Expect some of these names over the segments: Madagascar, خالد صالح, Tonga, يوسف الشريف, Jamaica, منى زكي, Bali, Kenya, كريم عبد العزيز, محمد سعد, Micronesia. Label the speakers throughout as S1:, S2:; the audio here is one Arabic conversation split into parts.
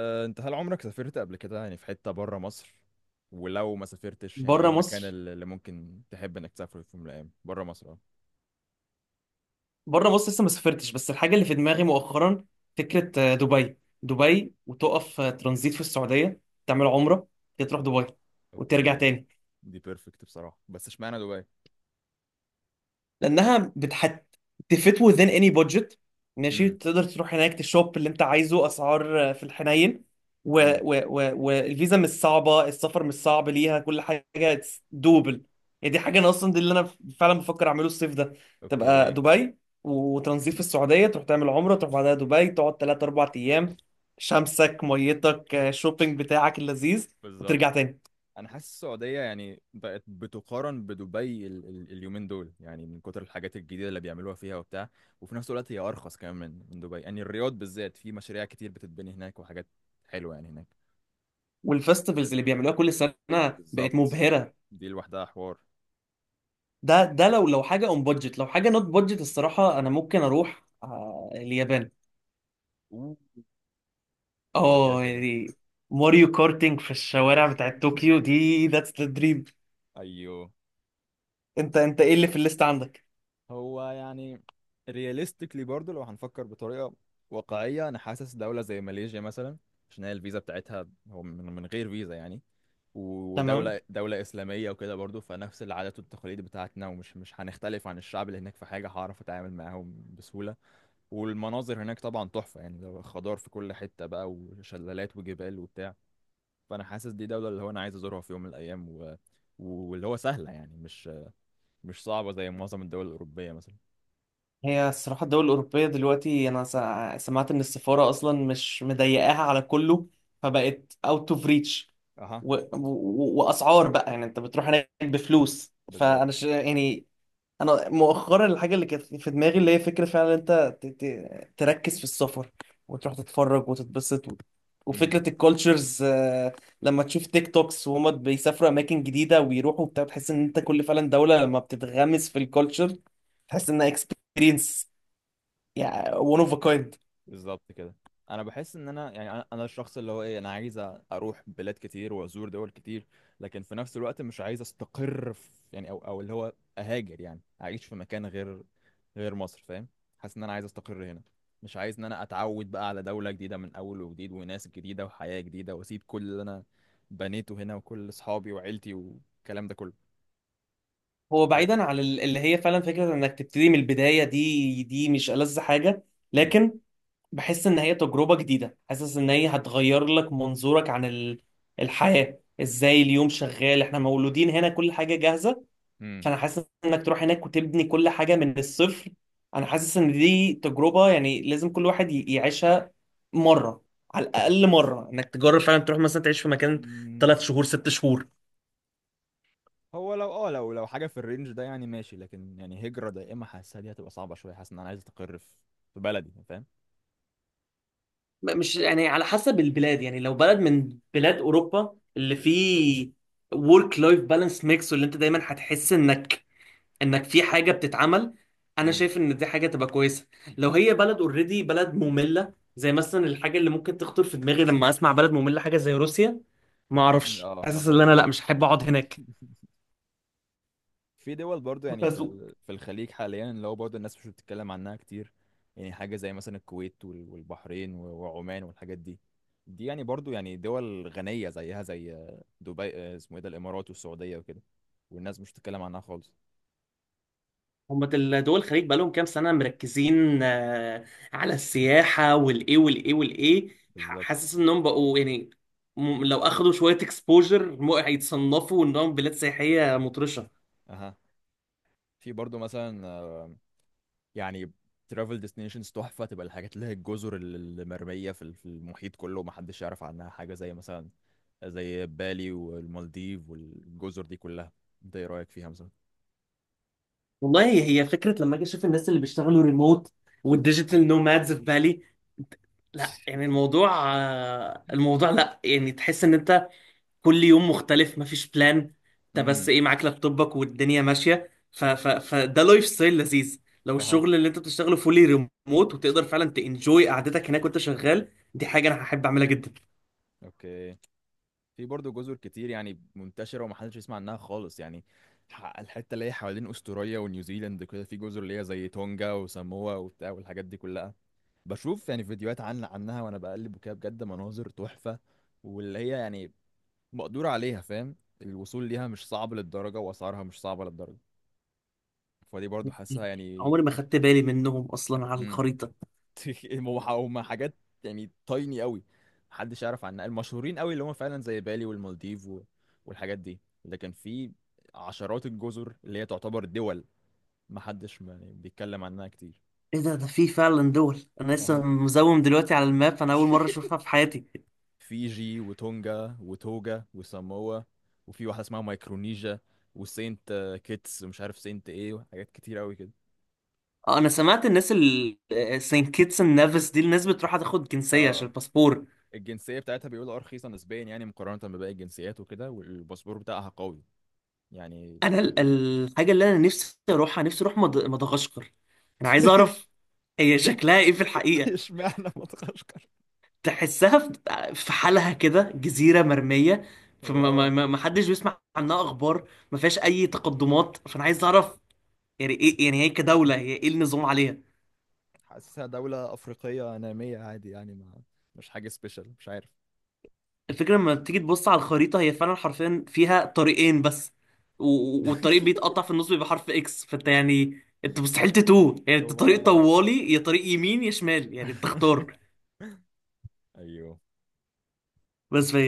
S1: أه، انت هل عمرك سافرت قبل كده يعني في حتة بره مصر؟ ولو ما سافرتش يعني ايه
S2: بره مصر.
S1: المكان اللي ممكن تحب انك تسافره في يوم من الايام بره مصر؟ اه.
S2: بره مصر لسه ما سافرتش، بس الحاجه اللي في دماغي مؤخرا فكره، دبي. دبي وتقف ترانزيت في السعوديه، تعمل عمره، تروح دبي وترجع
S1: اوكي.
S2: تاني.
S1: دي بيرفكت بصراحة، بس اشمعنى دبي؟
S2: لانها بتحت تفيت within any budget. ماشي،
S1: امم.
S2: تقدر تروح هناك تشوب اللي انت عايزه، اسعار في الحنين.
S1: امم.
S2: والفيزا مش صعبه، السفر مش صعب ليها، كل حاجه دوبل. يعني دي حاجه انا اصلا، دي اللي انا فعلا بفكر اعمله الصيف ده. تبقى
S1: اوكي.
S2: دبي وتنظيف في السعوديه، تروح تعمل عمره، تروح بعدها دبي، تقعد 3 4 ايام. شمسك ميتك، شوبينج بتاعك اللذيذ،
S1: بالظبط.
S2: وترجع تاني.
S1: انا حاسس السعودية يعني بقت بتقارن بدبي ال ال اليومين دول، يعني من كتر الحاجات الجديدة اللي بيعملوها فيها وبتاع. وفي نفس الوقت هي ارخص كمان من دبي. يعني الرياض بالذات في مشاريع كتير بتتبني هناك وحاجات حلوة يعني هناك.
S2: والفستيفالز اللي بيعملوها كل سنه بقت
S1: بالظبط.
S2: مبهره.
S1: دي لوحدها حوار.
S2: ده لو حاجه اون بادجت، لو حاجه نوت بادجت، الصراحه انا ممكن اروح اليابان.
S1: اه ده كده
S2: اه
S1: كده.
S2: يعني، ماريو كارتينج في الشوارع بتاعت طوكيو، دي ذاتس ذا دريم.
S1: ايوه.
S2: انت ايه اللي في الليست عندك؟
S1: هو يعني رياليستيكلي برضه لو هنفكر بطريقه واقعيه، انا حاسس دوله زي ماليزيا مثلا، عشان هي الفيزا بتاعتها هو من غير فيزا يعني.
S2: تمام.
S1: ودوله اسلاميه وكده برضه، فنفس العادات والتقاليد بتاعتنا، ومش مش هنختلف عن الشعب اللي هناك في حاجه، هعرف اتعامل معاهم بسهوله. والمناظر هناك طبعا تحفه، يعني ده خضار في كل حته بقى وشلالات وجبال وبتاع. فانا حاسس دي دوله اللي هو انا عايز ازورها في يوم من الايام، واللي هو سهله، يعني مش صعبة زي معظم الدول الأوروبية مثلا.
S2: هي الصراحه الدول الاوروبيه دلوقتي، انا سمعت ان السفاره اصلا مش مضيقاها على كله، فبقت اوت اوف ريتش.
S1: اها.
S2: واسعار بقى، يعني انت بتروح هناك بفلوس، فانا
S1: بالظبط.
S2: يعني. انا مؤخرا الحاجه اللي كانت في دماغي، اللي هي فكره فعلا انت تركز في السفر وتروح تتفرج وتتبسط
S1: امم.
S2: وفكره الكولتشرز. لما تشوف تيك توكس وهما بيسافروا اماكن جديده ويروحوا وبتاع، تحس ان انت، كل فعلا دوله لما بتتغمس في الكولتشر تحس انها اكسبيرينس، يعني one of a kind.
S1: بالظبط كده. انا بحس ان انا يعني أنا الشخص اللي هو ايه، انا عايز اروح بلاد كتير وازور دول كتير، لكن في نفس الوقت مش عايز استقر في يعني او اللي هو اهاجر يعني اعيش في مكان غير مصر، فاهم؟ حاسس ان انا عايز استقر هنا. مش عايز ان انا اتعود بقى على دولة جديدة من اول وجديد وناس جديدة وحياة جديدة، واسيب كل اللي انا بنيته هنا وكل اصحابي وعيلتي والكلام ده كله.
S2: هو بعيدا عن اللي هي فعلا فكره انك تبتدي من البدايه، دي مش ألذ حاجه.
S1: امم.
S2: لكن بحس ان هي تجربة جديدة، حاسس ان هي هتغير لك منظورك عن الحياة ازاي. اليوم شغال، احنا مولودين هنا كل حاجة جاهزة، فانا حاسس انك تروح هناك وتبني كل حاجة من الصفر. انا حاسس ان دي تجربة يعني لازم كل واحد يعيشها مرة، على الاقل مرة، انك تجرب فعلا تروح مثلا تعيش في مكان
S1: امم.
S2: ثلاث شهور ست شهور.
S1: هو لو اه لو حاجه في الرينج ده يعني ماشي، لكن يعني هجره دائمه حاسسها دي هتبقى صعبه شويه. حاسس ان انا عايز استقر في في بلدي، فاهم؟
S2: مش يعني، على حسب البلاد. يعني لو بلد من بلاد اوروبا اللي فيه ورك لايف بالانس ميكس واللي انت دايما هتحس انك في حاجه بتتعمل، انا
S1: امم.
S2: شايف ان دي حاجه تبقى كويسه. لو هي بلد اوريدي، بلد ممله، زي مثلا الحاجه اللي ممكن تخطر في دماغي لما اسمع بلد ممله حاجه زي روسيا، ما اعرفش،
S1: اه
S2: حاسس ان
S1: مثلا
S2: انا لا، مش هحب اقعد هناك.
S1: في دول برضو، يعني في
S2: بس.
S1: في الخليج حاليا، اللي هو برضو الناس مش بتتكلم عنها كتير. يعني حاجه زي مثلا الكويت والبحرين وعمان والحاجات دي. دي يعني برضو يعني دول غنيه زيها زي دبي، اسمه ايه ده، الامارات والسعوديه وكده، والناس مش بتتكلم عنها خالص.
S2: هم دول الخليج بقالهم كام سنه مركزين على السياحه والايه والايه والايه.
S1: بالظبط.
S2: حاسس انهم بقوا يعني، لو اخدوا شويه اكسبوجر هيتصنفوا انهم بلاد سياحيه مطرشه.
S1: اها. في برضو مثلا يعني ترافل ديستنيشنز تحفه، تبقى الحاجات اللي هي الجزر اللي مرميه في في المحيط كله ومحدش يعرف عنها، حاجه زي مثلا زي بالي والمالديف والجزر دي كلها. انت ايه رايك فيها مثلا؟
S2: والله هي فكرة. لما اجي اشوف الناس اللي بيشتغلوا ريموت والديجيتال نومادز في بالي، لا يعني الموضوع، الموضوع، لا يعني تحس ان انت كل يوم مختلف، مفيش بلان، انت بس
S1: امم.
S2: ايه، معاك لابتوبك والدنيا ماشية، ف ف فده لايف ستايل لذيذ. لو
S1: اها.
S2: الشغل اللي انت بتشتغله فولي ريموت وتقدر فعلا تنجوي قعدتك هناك وانت شغال، دي حاجة انا هحب اعملها جدا.
S1: اوكي. في برضه جزر كتير يعني منتشره ومحدش يسمع عنها خالص، يعني الحته اللي هي حوالين استراليا ونيوزيلاند كده، في جزر اللي هي زي تونجا وساموا وبتاع والحاجات دي كلها. بشوف يعني فيديوهات عنها وانا بقلب وكده، بجد مناظر تحفه، واللي هي يعني مقدور عليها، فاهم؟ الوصول ليها مش صعب للدرجة وأسعارها مش صعبة للدرجة، فدي برضو حاسسها يعني.
S2: عمري ما خدت بالي منهم اصلا على
S1: امم.
S2: الخريطة.
S1: هم حاجات يعني تايني قوي، محدش يعرف عنها. المشهورين قوي اللي هم فعلا زي بالي والمالديف والحاجات دي، لكن في عشرات الجزر اللي هي تعتبر دول محدش يعني بيتكلم عنها كتير.
S2: ايه ده، ده في فعلا دول انا لسه
S1: اها.
S2: مزوم دلوقتي على الماب، انا اول مره اشوفها في حياتي.
S1: فيجي وتونجا وتوجا وساموا، وفي واحدة اسمها مايكرونيجيا، وسينت كيتس ومش عارف سينت ايه، وحاجات كتير قوي كده.
S2: انا سمعت الناس سين كيتس اند نيفس دي الناس بتروح تاخد جنسيه عشان
S1: اه.
S2: الباسبور.
S1: الجنسية بتاعتها بيقولوا اه رخيصة نسبيا، يعني مقارنة بباقي الجنسيات وكده، والباسبور بتاعها قوي يعني.
S2: انا الحاجه اللي انا نفسي اروحها، نفسي اروح مدغشقر. انا عايز اعرف هي شكلها ايه في الحقيقه.
S1: اشمعنى مدغشقر؟
S2: تحسها في حالها كده، جزيره مرميه،
S1: هو
S2: فما ما
S1: اه،
S2: ما- ما حدش بيسمع عنها اخبار، ما فيهاش اي تقدمات، فانا عايز اعرف يعني ايه، يعني هي كدوله، هي ايه النظام عليها.
S1: حاسسها دولة أفريقية نامية عادي، يعني ما مش حاجة سبيشال، مش عارف.
S2: الفكرة لما تيجي تبص على الخريطة، هي فعلا حرفيا فيها طريقين بس، والطريق بيتقطع في النص، بيبقى حرف اكس، فانت يعني انت مستحيل تتوه. يعني انت
S1: هو
S2: طريق
S1: اه.
S2: طوالي، يا طريق يمين يا شمال، يعني انت اختار.
S1: ايوه.
S2: بس في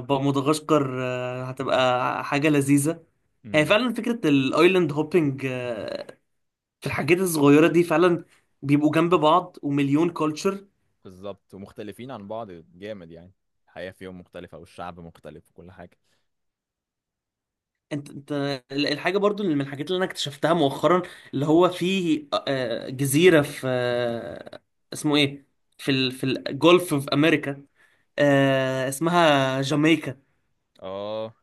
S2: بقى مدغشقر، هتبقى حاجة لذيذة. هي
S1: امم.
S2: فعلا فكرة الايلاند هوبينج في الحاجات الصغيرة دي، فعلا بيبقوا جنب بعض ومليون كولتشر.
S1: بالظبط ومختلفين عن بعض جامد، يعني الحياة فيهم مختلفة والشعب مختلف وكل حاجة.
S2: انت الحاجه برضو اللي من الحاجات اللي انا اكتشفتها مؤخرا، اللي هو في جزيره في اسمه ايه، في في الجولف في امريكا، اسمها جامايكا.
S1: اه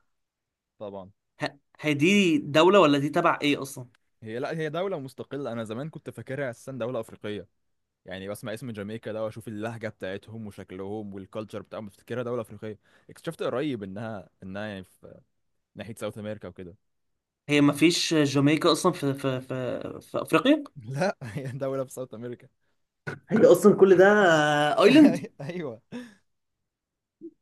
S1: طبعا.
S2: هي دي دوله ولا دي تبع ايه اصلا؟
S1: هي لا، هي دولة مستقلة. أنا زمان كنت فاكرها أساسا دولة أفريقية، يعني بسمع اسم جامايكا ده واشوف اللهجه بتاعتهم وشكلهم والكالتشر بتاعهم، بفتكرها دوله افريقيه. اكتشفت قريب انها يعني في ناحيه ساوث امريكا وكده.
S2: هي ما فيش جامايكا اصلا في افريقيا.
S1: لا هي دوله في ساوث امريكا.
S2: هي اصلا كل ده ايلاند.
S1: ايوه.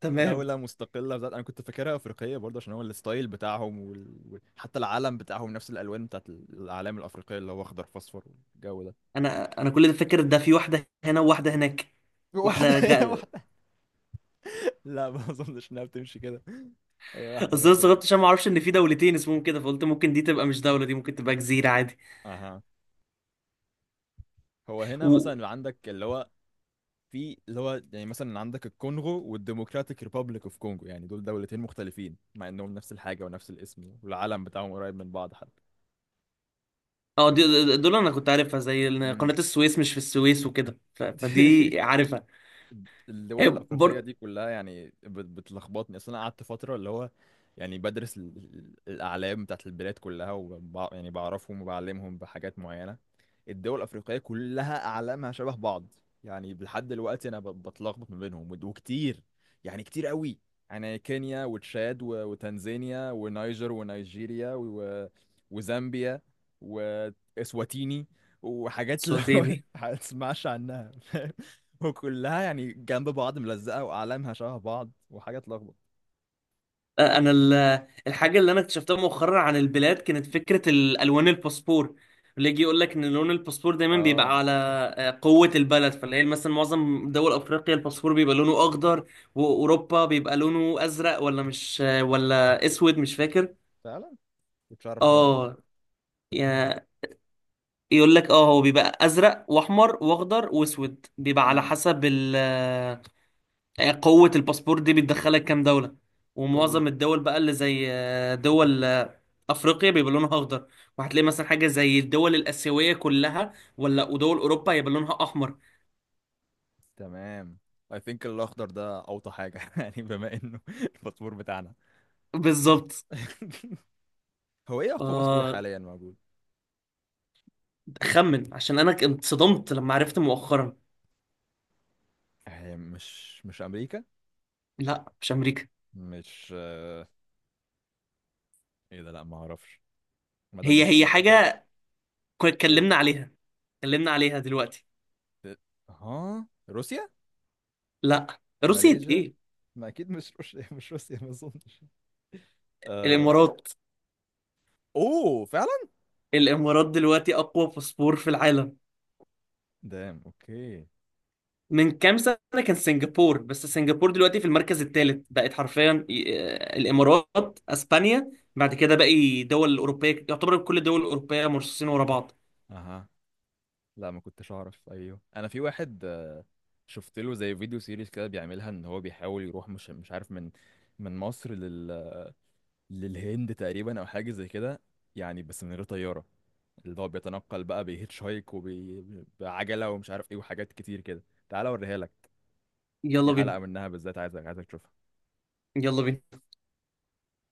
S2: تمام.
S1: دولة مستقلة بذات. أنا كنت فاكرها أفريقية برضه، عشان هو الستايل بتاعهم حتى العلم بتاعهم نفس الألوان بتاعت الأعلام الأفريقية، اللي هو أخضر في أصفر والجو ده.
S2: انا كل ده فاكر ده في واحده هنا وواحده هناك
S1: واحدة
S2: واحده.
S1: هنا واحدة. لا، ما أظنش إنها بتمشي كده هي واحدة
S2: بس انا
S1: بس هنا.
S2: استغربت عشان ما اعرفش ان في دولتين اسمهم كده، فقلت ممكن دي تبقى مش دوله، دي ممكن تبقى جزيره عادي.
S1: أها. هو هنا
S2: و...
S1: مثلا عندك اللي هو في اللي هو يعني مثلا عندك الكونغو والديموكراتيك ريبابليك اوف كونغو، يعني دولتين مختلفين مع انهم نفس الحاجة ونفس الاسم، والعلم بتاعهم قريب من بعض حتى.
S2: اه،
S1: الد-
S2: دول انا كنت عارفها، زي إن
S1: مم.
S2: قناه السويس مش في السويس وكده، فدي عارفها.
S1: الدول
S2: هي
S1: الافريقيه
S2: برضه
S1: دي كلها يعني بتلخبطني، اصل انا قعدت فتره اللي هو يعني بدرس الاعلام بتاعت البلاد كلها، يعني بعرفهم وبعلمهم بحاجات معينه. الدول الافريقيه كلها اعلامها شبه بعض، يعني لحد دلوقتي انا بتلخبط ما بينهم، وكتير يعني كتير قوي، يعني كينيا وتشاد وتنزانيا ونيجر ونيجيريا وزامبيا واسواتيني وحاجات اللي هو
S2: صوتيني.
S1: ما تسمعش عنها، وكلها يعني جنب بعض ملزقة وأعلامها شبه بعض وحاجة تلخبط.
S2: انا الحاجه اللي انا اكتشفتها مؤخرا عن البلاد كانت فكره الالوان الباسبور، اللي يجي يقول لك ان لون الباسبور دايما
S1: اه
S2: بيبقى على قوه البلد. فاللي هي مثلا معظم دول افريقيا، الباسبور بيبقى لونه اخضر، واوروبا بيبقى لونه ازرق، ولا مش ولا اسود، مش فاكر.
S1: فعلا. كنتش أعرف الحوار ده.
S2: اه، يا- يقول لك اه هو بيبقى ازرق واحمر واخضر واسود، بيبقى على
S1: امم.
S2: حسب ال آه، قوة الباسبور دي بتدخلك كام دولة. ومعظم
S1: وال
S2: الدول بقى اللي زي دول افريقيا بيبقى لونها اخضر. وهتلاقي مثلا حاجة زي الدول الاسيوية كلها ولا ودول اوروبا هيبقى لونها احمر.
S1: تمام. I think الأخضر ده أوطى حاجة يعني بما إنه الباسبور بتاعنا.
S2: بالظبط.
S1: هو إيه أقوى باسبور
S2: آه
S1: حاليا موجود؟
S2: خمن عشان انا اتصدمت لما عرفت مؤخرا.
S1: هي مش أمريكا؟
S2: لا مش امريكا.
S1: مش، إيه ده، لأ ما أعرفش، ما دام
S2: هي
S1: مش
S2: هي
S1: أمريكا ده.
S2: حاجة كنا
S1: إيه؟
S2: اتكلمنا عليها، اتكلمنا عليها دلوقتي.
S1: ده- ها روسيا؟
S2: لا روسيا
S1: ماليزيا؟
S2: ايه،
S1: ما أكيد مش روسيا مش روسيا ما أظنش. آه...
S2: الامارات.
S1: أوه فعلا؟
S2: الامارات دلوقتي اقوى باسبور في العالم.
S1: دام اوكي.
S2: من كام سنه كان سنغافور، بس سنغافور دلوقتي في المركز الثالث، بقت حرفيا الامارات، اسبانيا، بعد كده باقي دول اوروبيه، يعتبر كل الدول الاوروبيه مرصوصين ورا بعض.
S1: اها. لا ما كنتش اعرف. ايوه انا في واحد، شفت له زي فيديو سيريز كده بيعملها، ان هو بيحاول يروح مش عارف من من مصر لل للهند تقريبا او حاجه زي كده، يعني بس من غير طياره. اللي هو بيتنقل بقى بهيتش هايك وبعجله ومش عارف ايه وحاجات كتير كده. تعالى اوريها لك، في
S2: يلا بينا.
S1: حلقه منها بالذات عايزك تشوفها.
S2: يلا بينا.